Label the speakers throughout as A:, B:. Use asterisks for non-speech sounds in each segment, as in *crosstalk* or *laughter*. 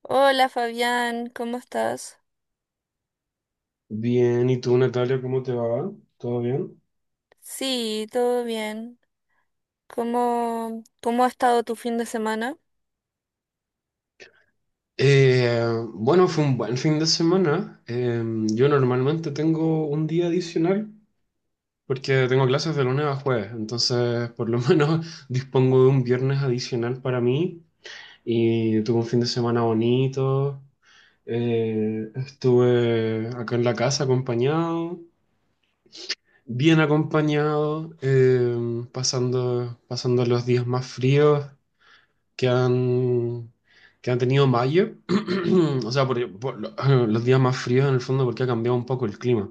A: Hola Fabián, ¿cómo estás?
B: Bien, ¿y tú, Natalia, cómo te va? ¿Todo bien?
A: Sí, todo bien. ¿Cómo ha estado tu fin de semana?
B: Eh, bueno, fue un buen fin de semana. Yo normalmente tengo un día adicional porque tengo clases de lunes a jueves, entonces por lo *laughs* menos dispongo de un viernes adicional para mí y tuve un fin de semana bonito. Estuve acá en la casa acompañado, bien acompañado, pasando, pasando los días más fríos que han, que han tenido mayo. *clears throat* O sea, *clears throat* los días más fríos en el fondo porque ha cambiado un poco el clima.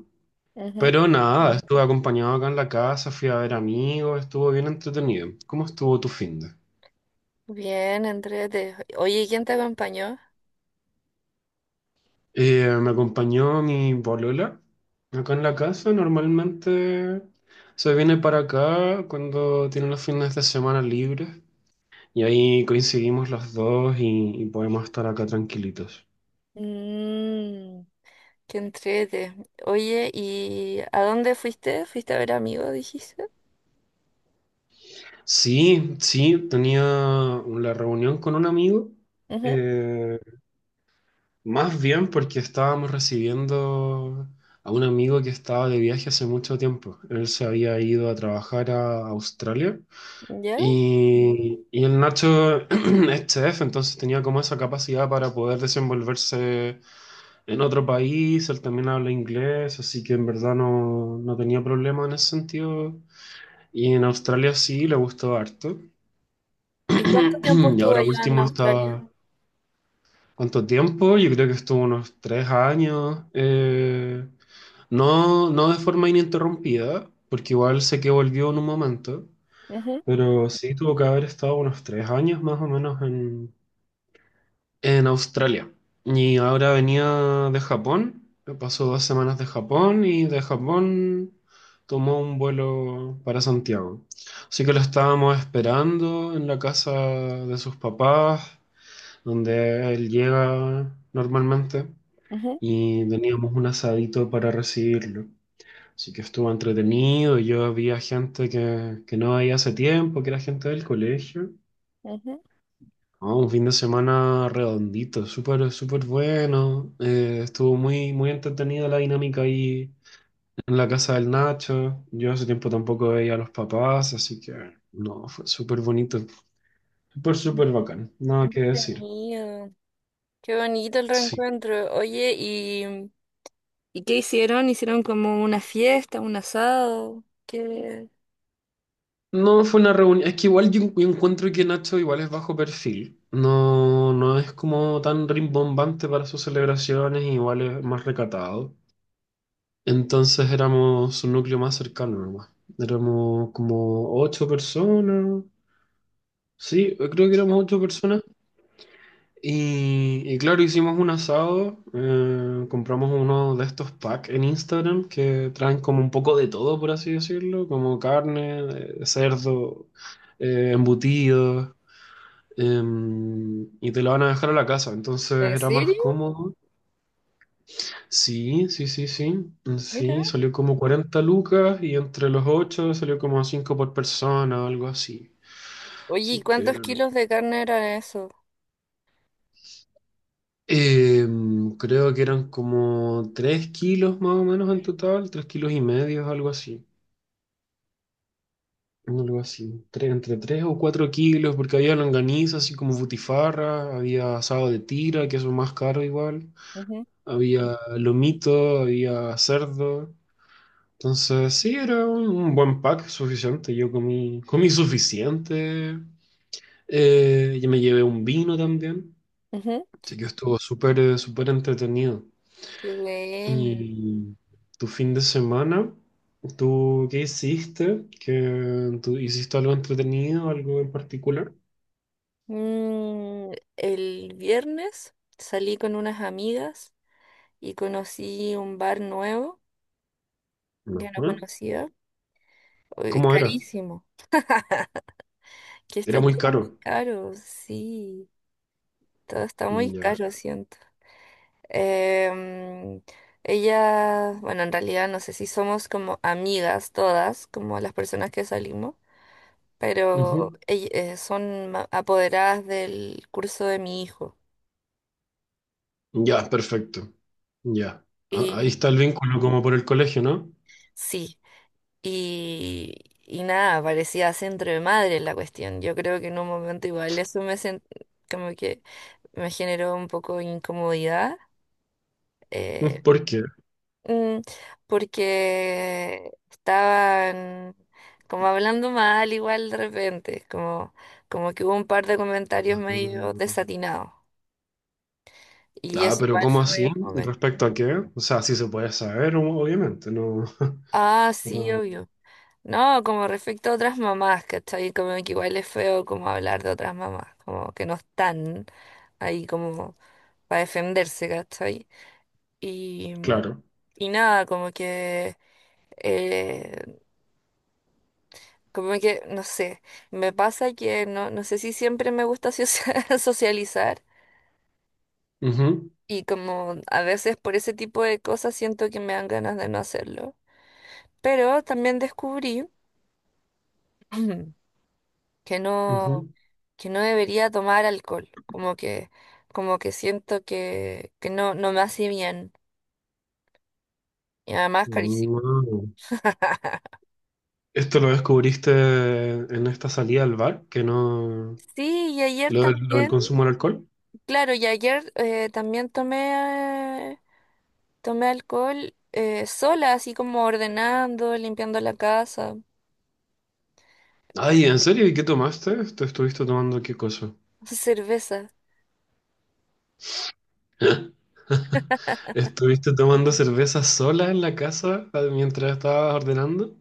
A: Ujú.
B: Pero nada, claro, estuve acompañado acá en la casa, fui a ver amigos, estuvo bien entretenido. ¿Cómo estuvo tu fin de?
A: Bien, entrete. Oye, ¿quién te acompañó?
B: Me acompañó mi polola acá en la casa. Normalmente se viene para acá cuando tiene los fines de semana libres y ahí coincidimos los dos y podemos estar acá tranquilitos.
A: Mmm, qué entrete. Oye, ¿y a dónde fuiste? ¿Fuiste a ver amigos, dijiste?
B: Sí, sí, tenía la reunión con un amigo,
A: Ujú.
B: eh, más bien porque estábamos recibiendo a un amigo que estaba de viaje hace mucho tiempo. Él se había ido a trabajar a Australia
A: ¿Ya?
B: y el Nacho *clears throat* es chef, entonces tenía como esa capacidad para poder desenvolverse en otro país, él también habla inglés, así que en verdad no, no tenía problema en ese sentido. Y en Australia sí, le gustó harto.
A: ¿Y cuánto tiempo
B: *clears throat* Y
A: estuvo
B: ahora
A: allá en
B: último
A: Australia?
B: está, ¿cuánto tiempo? Yo creo que estuvo unos 3 años. No, no de forma ininterrumpida, porque igual sé que volvió en un momento,
A: Ujú,
B: pero sí tuvo que haber estado unos 3 años más o menos en Australia. Y ahora venía de Japón, pasó 2 semanas de Japón y de Japón tomó un vuelo para Santiago. Así que lo estábamos esperando en la casa de sus papás, donde él llega normalmente,
A: ujú,
B: y teníamos un asadito para recibirlo. Así que estuvo entretenido, yo había gente que no veía hace tiempo, que era gente del colegio.
A: ujú.
B: Ah, un fin de semana redondito, súper, súper bueno. Estuvo muy, muy entretenida la dinámica ahí en la casa del Nacho. Yo hace tiempo tampoco veía a los papás, así que no, fue súper bonito. Súper, súper bacán,
A: Qué
B: nada que decir.
A: entretenido. Qué bonito el
B: Sí,
A: reencuentro. Oye, ¿y qué hicieron? ¿Hicieron como una fiesta, un asado? ¿Qué?
B: no fue una reunión, es que igual yo encuentro que Nacho igual es bajo perfil, no, no es como tan rimbombante para sus celebraciones, igual es más recatado. Entonces éramos un núcleo más cercano nomás, éramos como ocho personas, sí, creo que éramos ocho personas. Y claro, hicimos un asado, compramos uno de estos packs en Instagram que traen como un poco de todo, por así decirlo, como carne, cerdo, embutidos. Y te la van a dejar a la casa, entonces
A: ¿En
B: era más
A: serio?
B: cómodo. Sí, sí, sí, sí. Mm,
A: Mira.
B: sí, salió como 40 lucas y entre los 8 salió como 5 por persona o algo así.
A: Oye, ¿y
B: Así que
A: cuántos kilos de carne era eso?
B: creo que eran como 3 kilos más o menos en total, 3 kilos y medio, algo así. Algo así, entre 3 o 4 kilos, porque había longaniza, así como butifarra, había asado de tira, que eso es más caro igual,
A: Ujú,
B: había lomito, había cerdo. Entonces, sí, era un buen pack suficiente. Yo comí, comí suficiente. Y me llevé un vino también.
A: ujú.
B: Así que estuvo súper, súper entretenido.
A: Qué buena.
B: ¿Y tu fin de semana? ¿Tú qué hiciste? ¿Qué, tú hiciste algo entretenido, algo en particular?
A: El viernes salí con unas amigas y conocí un bar nuevo,
B: No.
A: ya no
B: ¿Ah?
A: conocía. Oye,
B: ¿Cómo era?
A: carísimo, que está
B: Era muy
A: todo muy
B: caro.
A: caro, sí, todo está muy
B: Mm,
A: caro,
B: ya.
A: siento. Em, ella, bueno, en realidad no sé si somos como amigas todas, como las personas que salimos, pero
B: Ujú.
A: son apoderadas del curso de mi hijo.
B: Ya, perfecto. Ya. Ah, ahí
A: Y
B: está el vínculo como por el colegio, ¿no?
A: sí, y, y nada, parecía centro de madre la cuestión. Yo creo que en un momento igual eso me, como que me generó un poco de incomodidad. eh,
B: *laughs* ¿Por qué?
A: Mm, Porque estaban como hablando mal igual de repente, como que hubo un par de comentarios medio
B: Ah,
A: desatinados. Y
B: Ah,
A: eso
B: pero
A: igual
B: ¿cómo
A: fue
B: así?
A: medio fome.
B: ¿Respecto a qué? O sea, sí se puede saber, obviamente, no. *laughs*
A: Ah, sí,
B: Pero,
A: obvio. No, como respecto a otras mamás, ¿cachai? Como que igual es feo como hablar de otras mamás, como que no están ahí como para defenderse, ¿cachai? Y,
B: claro.
A: y nada, como que eh, como que, no sé, me pasa que no, no sé si siempre me gusta socia- *laughs* socializar,
B: Ujú,
A: y como a veces por ese tipo de cosas siento que me dan ganas de no hacerlo. Pero también descubrí *clears throat* que no,
B: ujú.
A: que no debería tomar alcohol, como que siento que, no me hace bien y además carísimo.
B: Mm.
A: *laughs*
B: ¿Esto lo descubriste en esta salida al bar, que no?
A: Sí, y ayer
B: Lo del
A: también,
B: consumo del alcohol.
A: claro, y ayer también tomé alcohol, sola, así como ordenando, limpiando la casa.
B: Ay, ¿en serio? ¿Y qué tomaste? ¿Te estuviste tomando qué cosa?
A: *laughs* Cerveza.
B: *laughs* ¿Estuviste tomando cerveza sola en la casa ah, mientras estabas ordenando?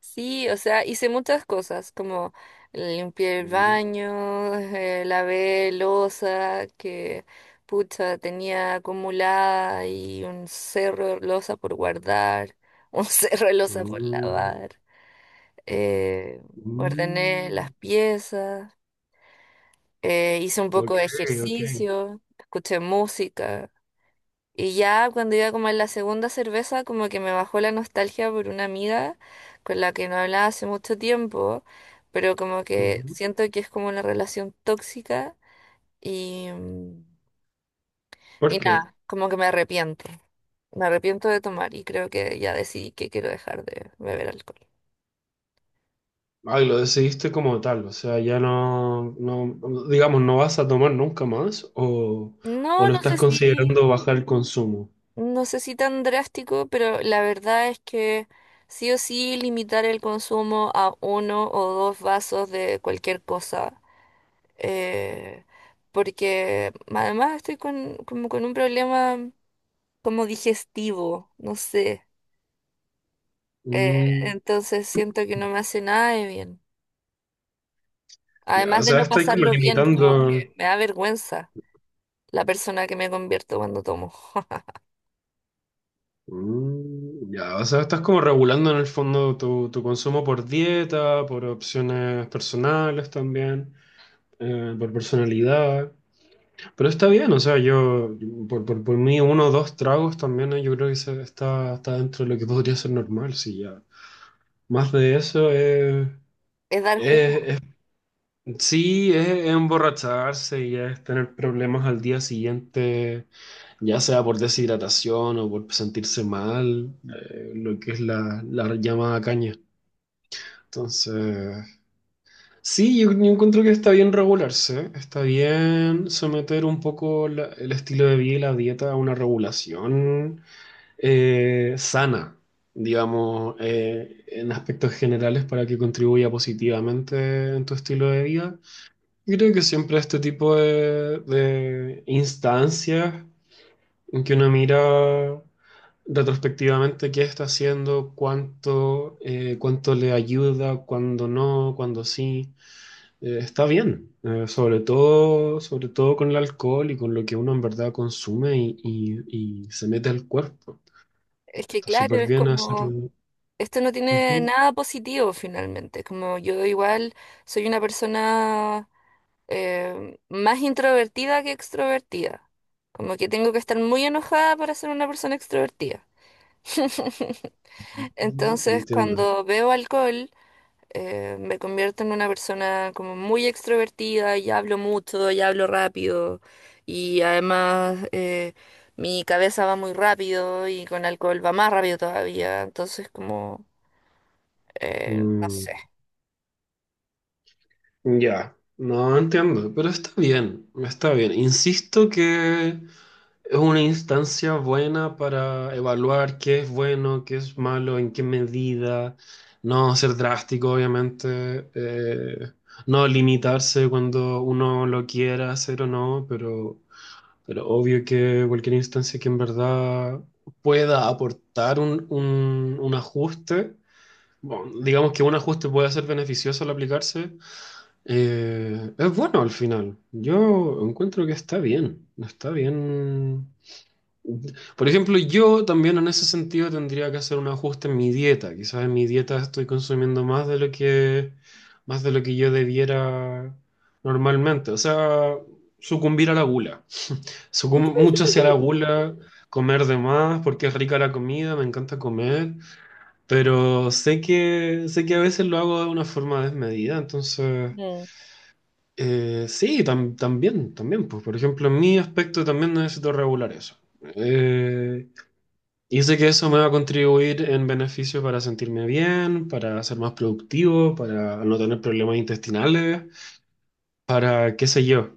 A: Sí, o sea, hice muchas cosas, como limpié el
B: Mm,
A: baño, lavé loza que pucha tenía acumulada, y un cerro de loza por guardar, un *laughs* cerro de loza por
B: mm,
A: lavar. Eh, ordené
B: mm.
A: las piezas, hice un poco
B: Ok,
A: de
B: ok.
A: ejercicio, escuché música. Y ya cuando iba como en la segunda cerveza, como que me bajó la nostalgia por una amiga con la que no hablaba hace mucho tiempo, pero como que siento que es como una relación tóxica y, mm,
B: ¿Por
A: y
B: qué?
A: nada, como que me arrepiento. Me arrepiento de tomar y creo que ya decidí que quiero dejar de beber alcohol.
B: Ay, lo decidiste como tal, o sea, ya no, no, digamos, ¿no vas a tomar nunca más
A: No,
B: o lo
A: no
B: estás
A: sé si,
B: considerando bajar el consumo?
A: no sé si tan drástico, pero la verdad es que sí o sí limitar el consumo a uno o dos vasos de cualquier cosa, eh, porque además estoy con, como con un problema como digestivo, no sé. eh,
B: Mm,
A: entonces siento que no me hace nada de bien.
B: ya, o
A: Además de
B: sea,
A: no
B: estás como
A: pasarlo bien, como que
B: limitando.
A: me da vergüenza la persona que me convierto cuando tomo. *laughs*
B: Mm, ya, o sea, estás como regulando en el fondo tu consumo por dieta, por opciones personales también, por personalidad, pero está bien, o sea, yo, por mí, uno o dos tragos también, yo creo que está, está dentro de lo que podría ser normal, sí, ya. Más de eso es,
A: Es dar jugo.
B: es- sí, es emborracharse y es tener problemas al día siguiente, ya sea por deshidratación o por sentirse mal, lo que es la llamada caña. Entonces, sí, yo encuentro que está bien regularse, está bien someter un poco el estilo de vida y la dieta a una regulación sana, digamos, en aspectos generales para que contribuya positivamente en tu estilo de vida. Y creo que siempre este tipo de instancias en que uno mira retrospectivamente qué está haciendo, cuánto, cuánto le ayuda, cuándo no, cuándo sí, está bien. Sobre todo, sobre todo con el alcohol y con lo que uno en verdad consume y, y se mete al cuerpo.
A: Es que
B: Está
A: claro,
B: súper
A: es
B: bien
A: como,
B: hacerlo.
A: esto no tiene nada positivo finalmente. Como yo igual soy una persona, más introvertida que extrovertida. Como que tengo que estar muy enojada para ser una persona extrovertida. *laughs*
B: Ujú,
A: Entonces,
B: entiendo.
A: cuando veo alcohol, me convierto en una persona como muy extrovertida, y hablo mucho y hablo rápido. Y además, mi cabeza va muy rápido y con alcohol va más rápido todavía. Entonces, como, no
B: Mm,
A: sé.
B: ya, no entiendo, pero está bien, está bien. Insisto que es una instancia buena para evaluar qué es bueno, qué es malo, en qué medida, no ser drástico, obviamente, no limitarse cuando uno lo quiera hacer o no, pero obvio que cualquier instancia que en verdad pueda aportar un ajuste. Bueno, digamos que un ajuste puede ser beneficioso al aplicarse. Es bueno al final. Yo encuentro que está bien. Está bien. Por ejemplo, yo también en ese sentido tendría que hacer un ajuste en mi dieta. Quizás en mi dieta estoy consumiendo más de lo que yo debiera normalmente. O sea, sucumbir a la gula. Mucho hacia la gula, comer de más porque es rica la comida, me encanta comer. Pero sé que a veces lo hago de una forma desmedida, entonces sí, también, también, pues por ejemplo, en mi aspecto también necesito regular eso. Eh, y sé que eso me va a contribuir en beneficio para sentirme bien, para ser más productivo, para no tener problemas intestinales, para qué sé yo.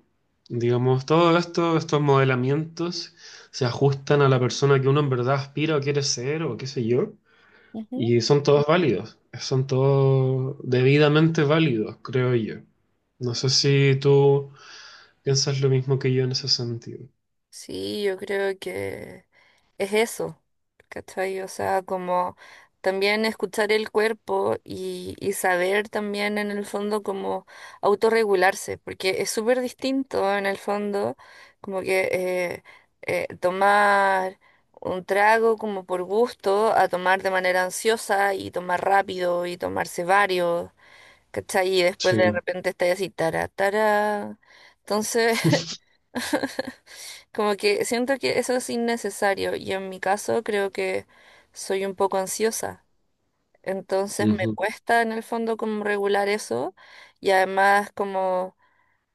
B: Digamos, todo esto, estos modelamientos se ajustan a la persona que uno en verdad aspira o quiere ser o qué sé yo.
A: Ujú.
B: Y son todos válidos, son todos debidamente válidos, creo yo. No sé si tú piensas lo mismo que yo en ese sentido.
A: Sí, yo creo que... es eso, ¿cachai? O sea, como también escuchar el cuerpo y saber también en el fondo como autorregularse, porque es súper distinto en el fondo, como que tomar un trago como por gusto a tomar de manera ansiosa y tomar rápido y tomarse varios, ¿cachai? Y después de
B: Sí,
A: repente estáis así, tara, tara. Entonces... Como que siento que eso es innecesario y en mi caso creo que soy un poco ansiosa, entonces me
B: ujú,
A: cuesta en el fondo como regular eso, y además como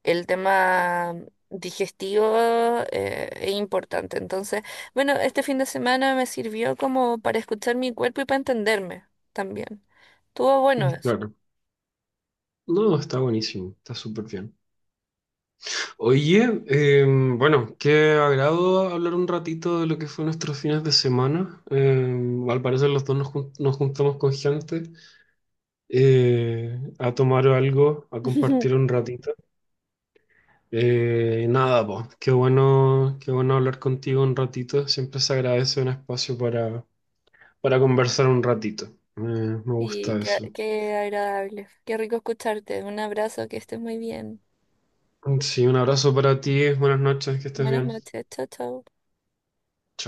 A: el tema digestivo, es importante. Entonces, bueno, este fin de semana me sirvió como para escuchar mi cuerpo y para entenderme también. Estuvo bueno eso.
B: claro. No, está buenísimo, está súper bien. Oye, bueno, qué agrado hablar un ratito de lo que fue nuestros fines de semana. Al parecer los dos nos, nos juntamos con gente a tomar algo, a
A: *laughs*
B: compartir un ratito. Nada, pues qué bueno, qué bueno hablar contigo un ratito. Siempre se agradece un espacio para conversar un ratito. Me gusta eso.
A: Qué agradable, qué rico escucharte. Un abrazo, que estés muy bien.
B: Sí, un abrazo para ti. Buenas noches, que estés
A: Buenas
B: bien.
A: noches, chao, chao.
B: Chao.